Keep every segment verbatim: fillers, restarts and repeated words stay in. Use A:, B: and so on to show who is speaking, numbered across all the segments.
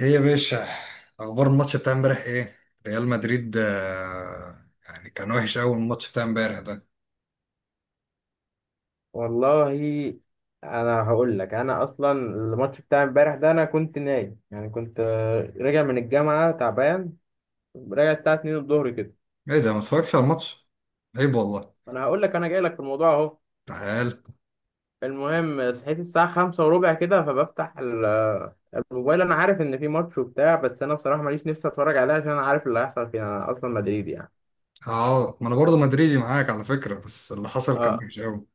A: ايه يا باشا، اخبار الماتش بتاع امبارح ايه؟ ريال مدريد، آه، يعني كان وحش قوي الماتش بتاع امبارح ده.
B: والله، انا هقول لك، انا اصلا الماتش بتاع امبارح ده انا كنت نايم، يعني كنت آه، راجع من الجامعه تعبان. راجع الساعه اتنين الظهر كده.
A: ايه ده؟ ما اتفرجتش على الماتش؟ عيب والله.
B: انا هقول لك انا جاي لك في الموضوع اهو.
A: تعال.
B: المهم صحيت الساعه خمسة وربع كده، فبفتح ال- آه، الموبايل. انا عارف ان في ماتش وبتاع، بس انا بصراحه ماليش نفسي اتفرج عليه عشان انا عارف اللي هيحصل فيه، انا اصلا مدريدي يعني.
A: اه، ما انا برضه مدريدي معاك على فكره، بس اللي حصل كان
B: اه.
A: وحش قوي.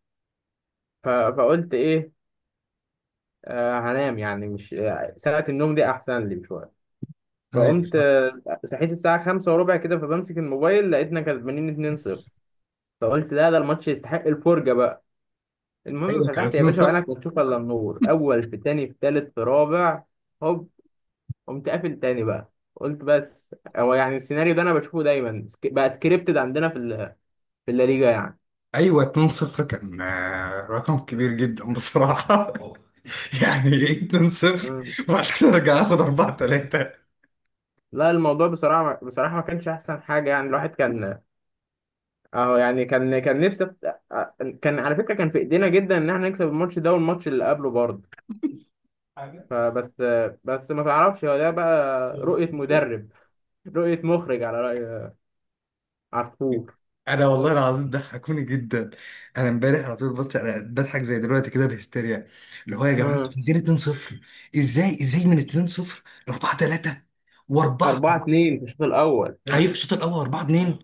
B: ف- فقلت ايه، آه هنام يعني، مش آه، ساعه النوم دي احسن لي شويه. فقمت
A: ايوه،
B: آه، صحيت الساعة خمسة وربع كده، فبمسك الموبايل، لقيتنا كسبانين اتنين صفر. فقلت لا، ده الماتش يستحق الفرجة بقى. المهم
A: ايوه، كان
B: فتحت يا باشا
A: اتنين صفر.
B: وعينك ما تشوف إلا النور، أول في تاني في تالت في رابع. هوب. قمت قافل تاني بقى. قلت بس هو يعني السيناريو ده أنا بشوفه دايما، سك- بقى سكريبتد عندنا في ال- في الليجا يعني.
A: ايوه، اتنين صفر كان آه، رقم كبير جدا بصراحه. يعني ايه اتنين صفر؟
B: مم.
A: وبعد كده ارجع اخد اربعة تلاتة.
B: لا الموضوع بصراحة بصراحة ما كانش أحسن حاجة، يعني الواحد كان أهو يعني، كان كان نفسه. كان على فكرة كان في إيدينا جدا إن إحنا نكسب الماتش ده والماتش اللي قبله برضه. فبس بس ما تعرفش، هو ده بقى. رؤية مدرب، رؤية مخرج، على رأي عفور.
A: انا والله العظيم ضحكوني جدا. انا امبارح على طول بص انا بضحك زي دلوقتي كده بهستيريا. اللي هو يا جماعه، انتوا
B: مم.
A: عايزين اتنين صفر؟ ازاي؟ ازاي من اتنين صفر ل اربعة تلاتة واربعة؟
B: أربعة اتنين في الشوط الأول.
A: هيجي في الشوط الاول اربعة اتنين.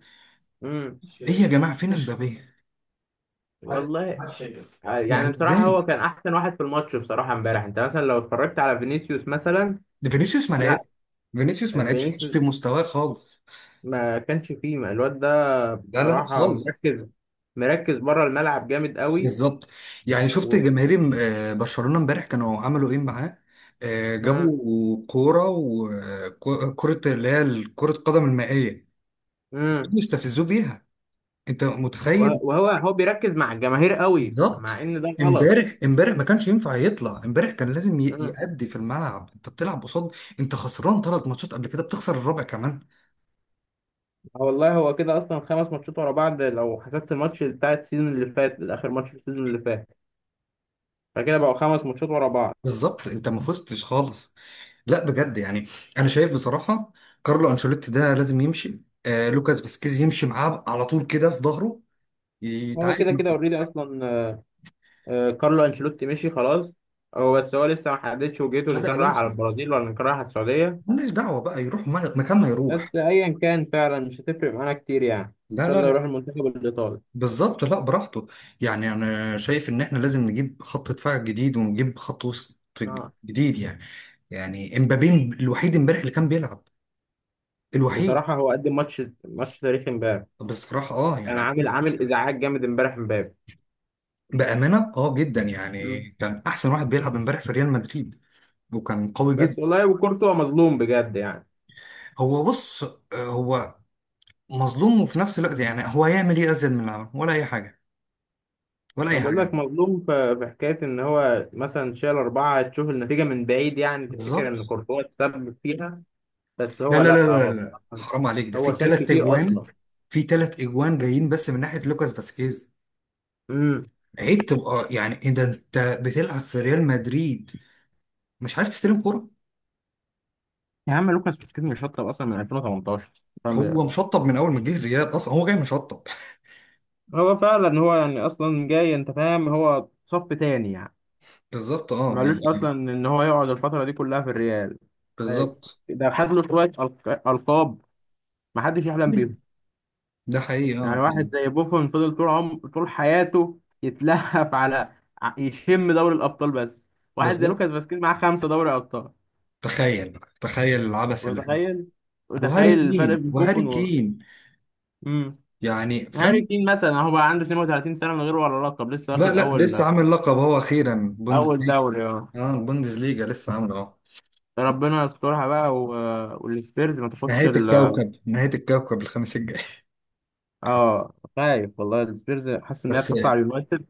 B: امم
A: ايه يا جماعه، فين امبابيه؟
B: والله. آه،
A: يعني
B: يعني بصراحة هو
A: ازاي؟
B: كان أحسن واحد في الماتش بصراحة امبارح. أنت مثلا لو اتفرجت على فينيسيوس مثلا.
A: ده فينيسيوس ما
B: لا.
A: لعبش. فينيسيوس ما لعبش، مش
B: فينيسيوس
A: في مستواه خالص.
B: ما كانش فيه، ما الواد ده
A: لا، لا، لا
B: بصراحة
A: خالص.
B: مركز، مركز بره الملعب جامد قوي.
A: بالظبط. يعني شفت
B: و.
A: جماهير آه، برشلونه امبارح كانوا عملوا ايه معاه؟ آه، جابوا كوره وكرة اللي هي كرة قدم المائية.
B: امم
A: يستفزوه بيها. انت متخيل؟
B: وهو هو بيركز مع الجماهير قوي، مع
A: بالظبط.
B: إن ده غلط.
A: امبارح، امبارح ما كانش ينفع يطلع، امبارح كان لازم ي- يأدي في الملعب، انت بتلعب قصاد. انت خسران ثلاث ماتشات قبل كده، بتخسر الرابع كمان.
B: آه والله، هو كده اصلا خمس ماتشات ورا بعض، لو حسبت الماتش بتاع السيزون اللي فات، اخر ماتش في السيزون اللي فات. فكده بقوا خمس ماتشات ورا بعض.
A: بالظبط، انت ما فزتش خالص. لا بجد يعني. انا شايف بصراحة. كارلو انشيلوتي ده لازم يمشي، آه لوكاس فاسكيز يمشي معاه على طول كده في ظهره.
B: هو
A: يتعاقد
B: كده كده
A: مع...
B: اوريدي اصلا. آه، كارلو انشيلوتي مشي خلاص. هو، بس هو لسه ما حددش وجهته، ان
A: تشابي
B: كان رايح على
A: الونسو.
B: البرازيل ولا ان كان رايح على السعوديه.
A: مالناش دعوة بقى يروح ما- مكان ما
B: بس
A: يروح.
B: ايا كان، فعلا مش هتفرق معانا كتير يعني، ان
A: لا،
B: شاء
A: لا،
B: الله
A: لا.
B: يروح المنتخب الايطالي.
A: بالظبط، لا براحته. يعني انا شايف ان احنا لازم نجيب خط دفاع جديد ونجيب خط وسط ج-
B: اه،
A: جديد يعني. يعني امبابي. الوحيد امبارح اللي كان بيلعب. الوحيد.
B: بصراحه هو قدم ماتش ماتش تاريخي امبارح.
A: بصراحة اه يعني.
B: كان عامل عامل ازعاج جامد امبارح امبابي.
A: بأمانة اه، جدا يعني
B: مم.
A: كان احسن واحد بيلعب امبارح في ريال مدريد. وكان قوي
B: بس
A: جدا.
B: والله، وكورتوا مظلوم بجد يعني.
A: هو بص، آه، هو مظلوم وفي نفس الوقت يعني هو هيعمل ايه ازيد من اللي عمله؟ ولا اي حاجة؟ ولا
B: أنا
A: اي
B: بقول
A: حاجة.
B: لك مظلوم ف- في حكاية إن هو مثلا شال أربعة، تشوف النتيجة من بعيد يعني تفتكر
A: بالظبط.
B: إن كورتوا اتسبب فيها. بس
A: لا،
B: هو،
A: لا،
B: لأ
A: لا،
B: هو
A: لا، لا،
B: بصراحة-
A: حرام عليك، ده في
B: هو شال
A: ثلاث
B: كتير
A: اجوان.
B: أصلا.
A: في ثلاث اجوان جايين بس من ناحية لوكاس فاسكيز.
B: امم
A: عيب تبقى، يعني ايه ده، انت بتلعب في ريال مدريد. مش عارف تستلم كرة.
B: يا عم لوكاس بوسكيت مش شطب اصلا من ألفين وتمنتاشر. فاهم؟
A: هو مشطب من اول ما جه الريال، اصلا هو جاي مشطب.
B: هو فعلا هو يعني أصلا جاي، أنت فاهم، هو صف تاني يعني.
A: بالظبط اه
B: مالوش اصلا
A: يعني.
B: ان هو يقعد الفتره دي كلها في الريال. ده
A: بالظبط.
B: ده خد له شويه ألق- القاب ما حدش يحلم بيهم.
A: ده حقيقي
B: يعني
A: اه
B: واحد
A: يعني.
B: زي بوفون فضل طول عمر، طول حياته يتلهف على ع- يشم دوري الابطال بس. واحد زي
A: بالظبط.
B: لوكاس فاسكيز معاه خمسة دوري ابطال.
A: تخيل بقى، تخيل العبث اللي احنا فيه.
B: متخيل
A: وهاري
B: متخيل الفرق
A: كين،
B: بين
A: وهاري
B: بوفون و...
A: كين.
B: امم.
A: يعني
B: هاري
A: فاهم.
B: كين مثلا هو بقى عنده اتنين وتلاتين سنة، من غير ولا لقب، لسه
A: لا،
B: واخد
A: لا، لسه
B: اول.
A: عامل لقب، هو اخيرا
B: اول
A: بوندسليجا.
B: دوري اه.
A: اه، بوندسليجا لسه عامله اه.
B: ربنا يسترها بقى، و. والسبيرز ما تاخدش
A: نهاية
B: ال.
A: الكوكب، نهاية الكوكب الخميس الجاي.
B: اه، خايف والله، السبيرز حاسس ان هي
A: بس.
B: تحط على اليونايتد.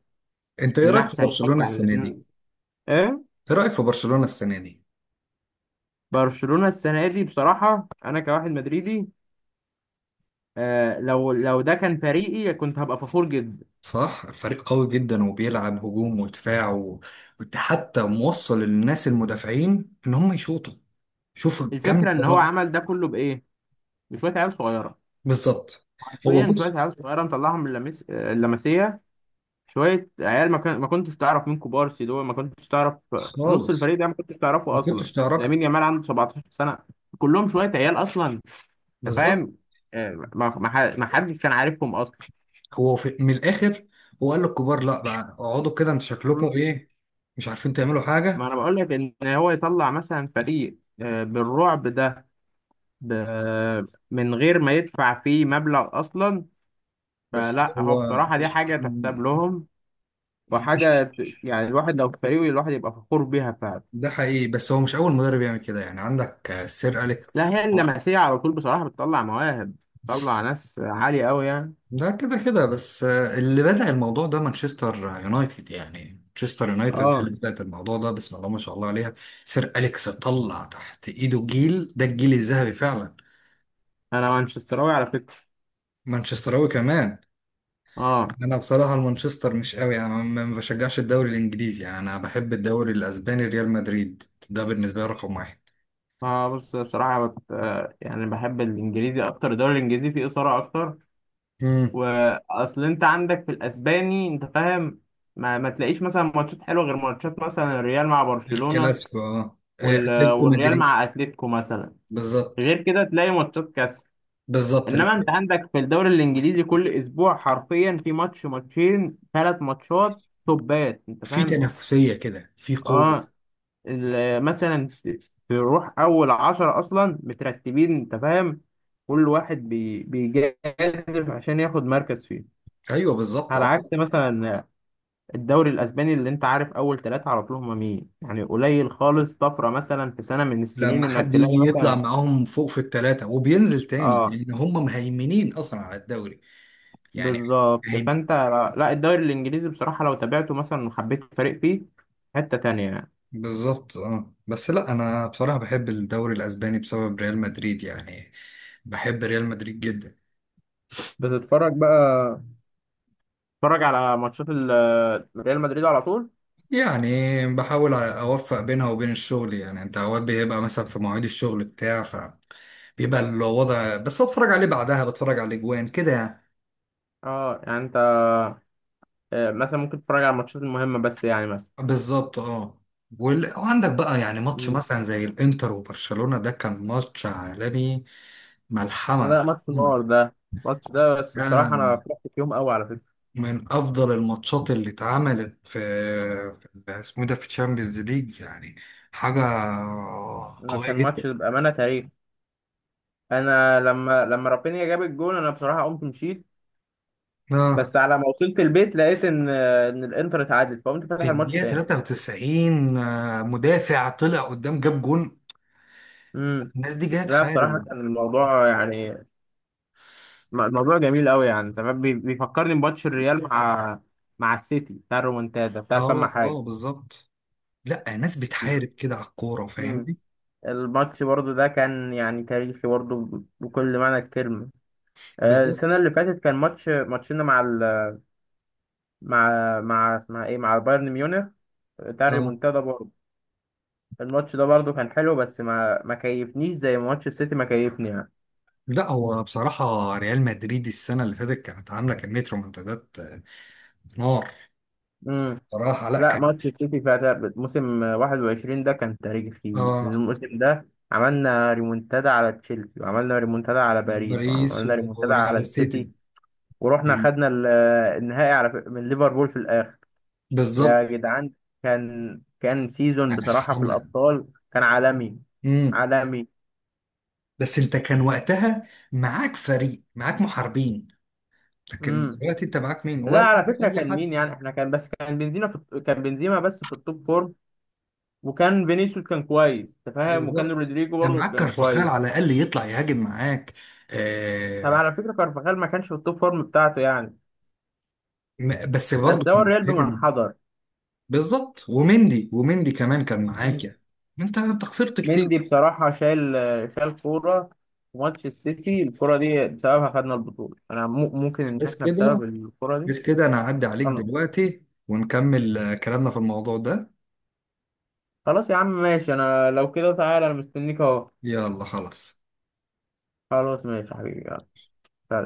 A: انت ايه رأيك في
B: النحس هيتفك
A: برشلونة
B: عن
A: السنة دي؟
B: الاثنين. ايه؟
A: ايه رأيك في برشلونة السنة دي؟
B: برشلونة السنة دي، بصراحة انا كواحد مدريدي، آه لو لو ده كان فريقي كنت هبقى فخور جدا.
A: صح، فريق قوي جدا وبيلعب هجوم ودفاع و- وحتى موصل للناس المدافعين ان هم يشوطوا. شوف كم
B: الفكره ان هو
A: الجراءة.
B: عمل ده كله بايه؟ بشويه عيال صغيره.
A: بالظبط.
B: حرفيا
A: هو
B: شويه
A: بص.
B: عيال صغيره، مطلعهم من اللمس... آه، اللمسيه. شويه عيال، ما, كان... ما كنتش تعرف مين كوبارسي دول، ما كنتش تعرف. نص
A: خالص.
B: الفريق ده ما كنتش تعرفه
A: ما
B: اصلا.
A: كنتش تعرف.
B: لامين يامال عنده سبعتاشر سنه. كلهم شويه عيال اصلا. انت
A: بالظبط.
B: فاهم. آه، ما ما ح- ما حدش كان عارفهم اصلا.
A: هو في من الاخر، هو قال للكبار، لا بقى اقعدوا كده انتوا شكلكم
B: مم.
A: ايه. مش عارفين تعملوا
B: ما
A: حاجة.
B: انا بقول لك، ان هو يطلع مثلا فريق آه، بالرعب ده، ب... من غير ما يدفع فيه مبلغ اصلا.
A: بس
B: فلا، هو
A: هو
B: بصراحة دي حاجة تحسب لهم، وحاجة
A: مش
B: ت- يعني الواحد لو في فريقه، الواحد يبقى فخور بيها فعلا.
A: ده حقيقي، بس هو مش أول مدرب يعمل كده، يعني عندك آه، سير
B: لا،
A: أليكس.
B: هي اللمسية على طول بصراحة بتطلع مواهب، بتطلع ناس عالية أوي يعني.
A: ده كده كده، بس آه، اللي بدأ الموضوع ده مانشستر يونايتد، يعني مانشستر يونايتد هي اللي
B: اه.
A: بدأت الموضوع ده، بسم الله ما شاء الله عليها. سير أليكس طلع تحت إيده جيل، ده الجيل الذهبي فعلا.
B: أنا مانشستراوي على فكرة.
A: مانشستراوي كمان.
B: اه.
A: أنا بصراحة المانشستر مش قوي، يعني ما ما بشجعش الدوري الإنجليزي، يعني أنا بحب الدوري الأسباني ريال مدريد. ده بالنسبة لي رقم واحد.
B: اه، بص بصراحة بت... آه، يعني بحب الإنجليزي أكتر، الدوري الإنجليزي فيه إثارة أكتر.
A: مم.
B: وأصل أنت عندك في الأسباني، أنت فاهم، ما, ما تلاقيش مثلا ماتشات حلوة غير ماتشات مثلا الريال مع برشلونة،
A: الكلاسيكو اه، آه،
B: وال...
A: أتلتيكو
B: والريال
A: مدريد.
B: مع أتليتيكو مثلا.
A: بالظبط.
B: غير كده تلاقي ماتشات كاس.
A: بالظبط،
B: انما انت عندك في الدوري الانجليزي كل اسبوع حرفيا في ماتش، ماتشين، ثلاث ماتشات، توبات، انت
A: في
B: فاهم.
A: تنافسية كده في قوة.
B: اه. ال- مثلا ت- تروح اول عشرة اصلا مترتبين، انت فاهم، كل واحد بي- بيجازف عشان ياخد مركز فيه.
A: ايوه، بالظبط
B: على
A: اه.
B: عكس مثلا الدوري الاسباني، اللي انت عارف اول ثلاثة على طول هما مين يعني، قليل خالص طفرة مثلا في سنة من السنين
A: لما
B: انك
A: حد
B: تلاقي
A: يجي يطلع
B: مثلا.
A: معاهم فوق في الثلاثة وبينزل تاني،
B: اه
A: لان هم مهيمنين اصلا على الدوري. يعني.
B: بالظبط.
A: مهيمن.
B: فانت، لا، الدوري الانجليزي بصراحه لو تابعته مثلا وحبيت فريق فيه، حته تانية يعني.
A: بالظبط اه، بس لا انا بصراحة بحب الدوري الاسباني بسبب ريال مدريد يعني. بحب ريال مدريد جدا.
B: بتتفرج بقى تتفرج على ماتشات ال- ريال مدريد على طول.
A: يعني. بحاول اوفق بينها وبين الشغل، يعني انت اوقات بيبقى مثلا في مواعيد الشغل بتاع فبيبقى الوضع، بس اتفرج عليه بعدها بتفرج على الاجوان كده يعني.
B: اه، يعني انت آه، مثلا ممكن تتفرج على الماتشات المهمه بس يعني، مثلا.
A: بالظبط اه. وال- وعندك بقى يعني ماتش
B: مم.
A: مثلا زي الانتر وبرشلونة ده كان ماتش عالمي.
B: ما
A: ملحمة.
B: ده ماتش النار ده. الماتش ده بس بصراحه انا
A: كان
B: فرحت فيهم قوي على فكره.
A: من افضل الماتشات اللي اتعملت في في اسمه ده في تشامبيونز ليج، يعني حاجة
B: أنا
A: قوية
B: كان
A: جدا.
B: ماتش بامانه تاريخ. انا لما لما رافينيا جاب الجون، انا بصراحه قمت مشيت.
A: اه،
B: بس على ما وصلت البيت، لقيت ان ان الانتر اتعادل، فقمت
A: في
B: فاتح الماتش
A: الدقيقة
B: تاني.
A: تلاتة وتسعين آه، مدافع طلع قدام جاب جون.
B: مم.
A: الناس دي جاية
B: لا بصراحة
A: تحارب.
B: كان الموضوع يعني، م- الموضوع جميل قوي يعني، تمام بي- بيفكرني بماتش الريال مع، مع السيتي بتاع الرومونتادا بتاع فما
A: اه، اه،
B: حاجة.
A: بالظبط. لا، ناس بتحارب كده على الكورة
B: مم.
A: فاهمني.
B: الماتش برضو ده كان يعني تاريخي برضو، ب- بكل معنى الكلمة. آه، السنة
A: بالظبط
B: اللي فاتت كان ماتش ماتشنا مع ال، مع مع اسمها ايه، مع بايرن ميونخ، بتاع
A: اه.
B: الريمونتادا برضو. الماتش ده برضو كان حلو بس ما ما كيفنيش زي ماتش السيتي، ما كيفني
A: لا هو بصراحة ريال مدريد السنة اللي فاتت كانت عاملة كمية رومنتادات، آه، نار.
B: يعني.
A: بصراحة، لا
B: لا،
A: كان.
B: ماتش السيتي بتاع ده- موسم واحد وعشرين ده كان تاريخي.
A: اه،
B: الموسم ده عملنا ريمونتادا على تشيلسي، وعملنا ريمونتادا على باريس،
A: باريس
B: وعملنا
A: و-
B: ريمونتادا على
A: وعلى
B: السيتي،
A: السيتي.
B: ورحنا
A: يعني.
B: خدنا ال، النهائي على ف- من ليفربول في الآخر. يا
A: بالظبط.
B: جدعان. كان كان سيزون
A: يعني
B: بصراحة في
A: حملة.
B: الأبطال كان عالمي.
A: امم.
B: عالمي.
A: بس انت كان وقتها معاك فريق، معاك محاربين. لكن
B: امم.
A: دلوقتي انت معاك مين؟
B: لا
A: ولا
B: على فكرة
A: اي
B: كان
A: حد؟
B: مين يعني، احنا كان بس كان بنزيما في كان بنزيما بس في التوب فورم. وكان فينيسيوس كان كويس، انت فاهم، وكان
A: بالظبط.
B: رودريجو
A: كان
B: برضه
A: معاك
B: كان
A: كارفاخال
B: كويس.
A: على الاقل يطلع يهاجم معاك.
B: طب
A: آه
B: على فكرة كارفاخال ما كانش في التوب فورم بتاعته يعني.
A: م- بس
B: بس
A: برضه
B: ده هو
A: كان
B: الريال بمن
A: بيهاجم.
B: حضر.
A: بالظبط، ومندي ومندي كمان كان معاك
B: مم.
A: يعني. انت انت خسرت كتير.
B: مندي بصراحة شايل شايل كورة. في ماتش السيتي، الكورة دي بسببها خدنا البطولة. أنا مو- ممكن إن
A: بس
B: إحنا
A: كده.
B: بسبب الكورة دي.
A: بس كده، انا هعدي عليك
B: خلاص،
A: دلوقتي ونكمل آه، كلامنا في الموضوع ده.
B: خلاص يا عم ماشي، أنا لو كده تعالى، أنا مستنيك أهو.
A: يلا خلاص.
B: خلاص، ماشي يا حبيبي، يلا.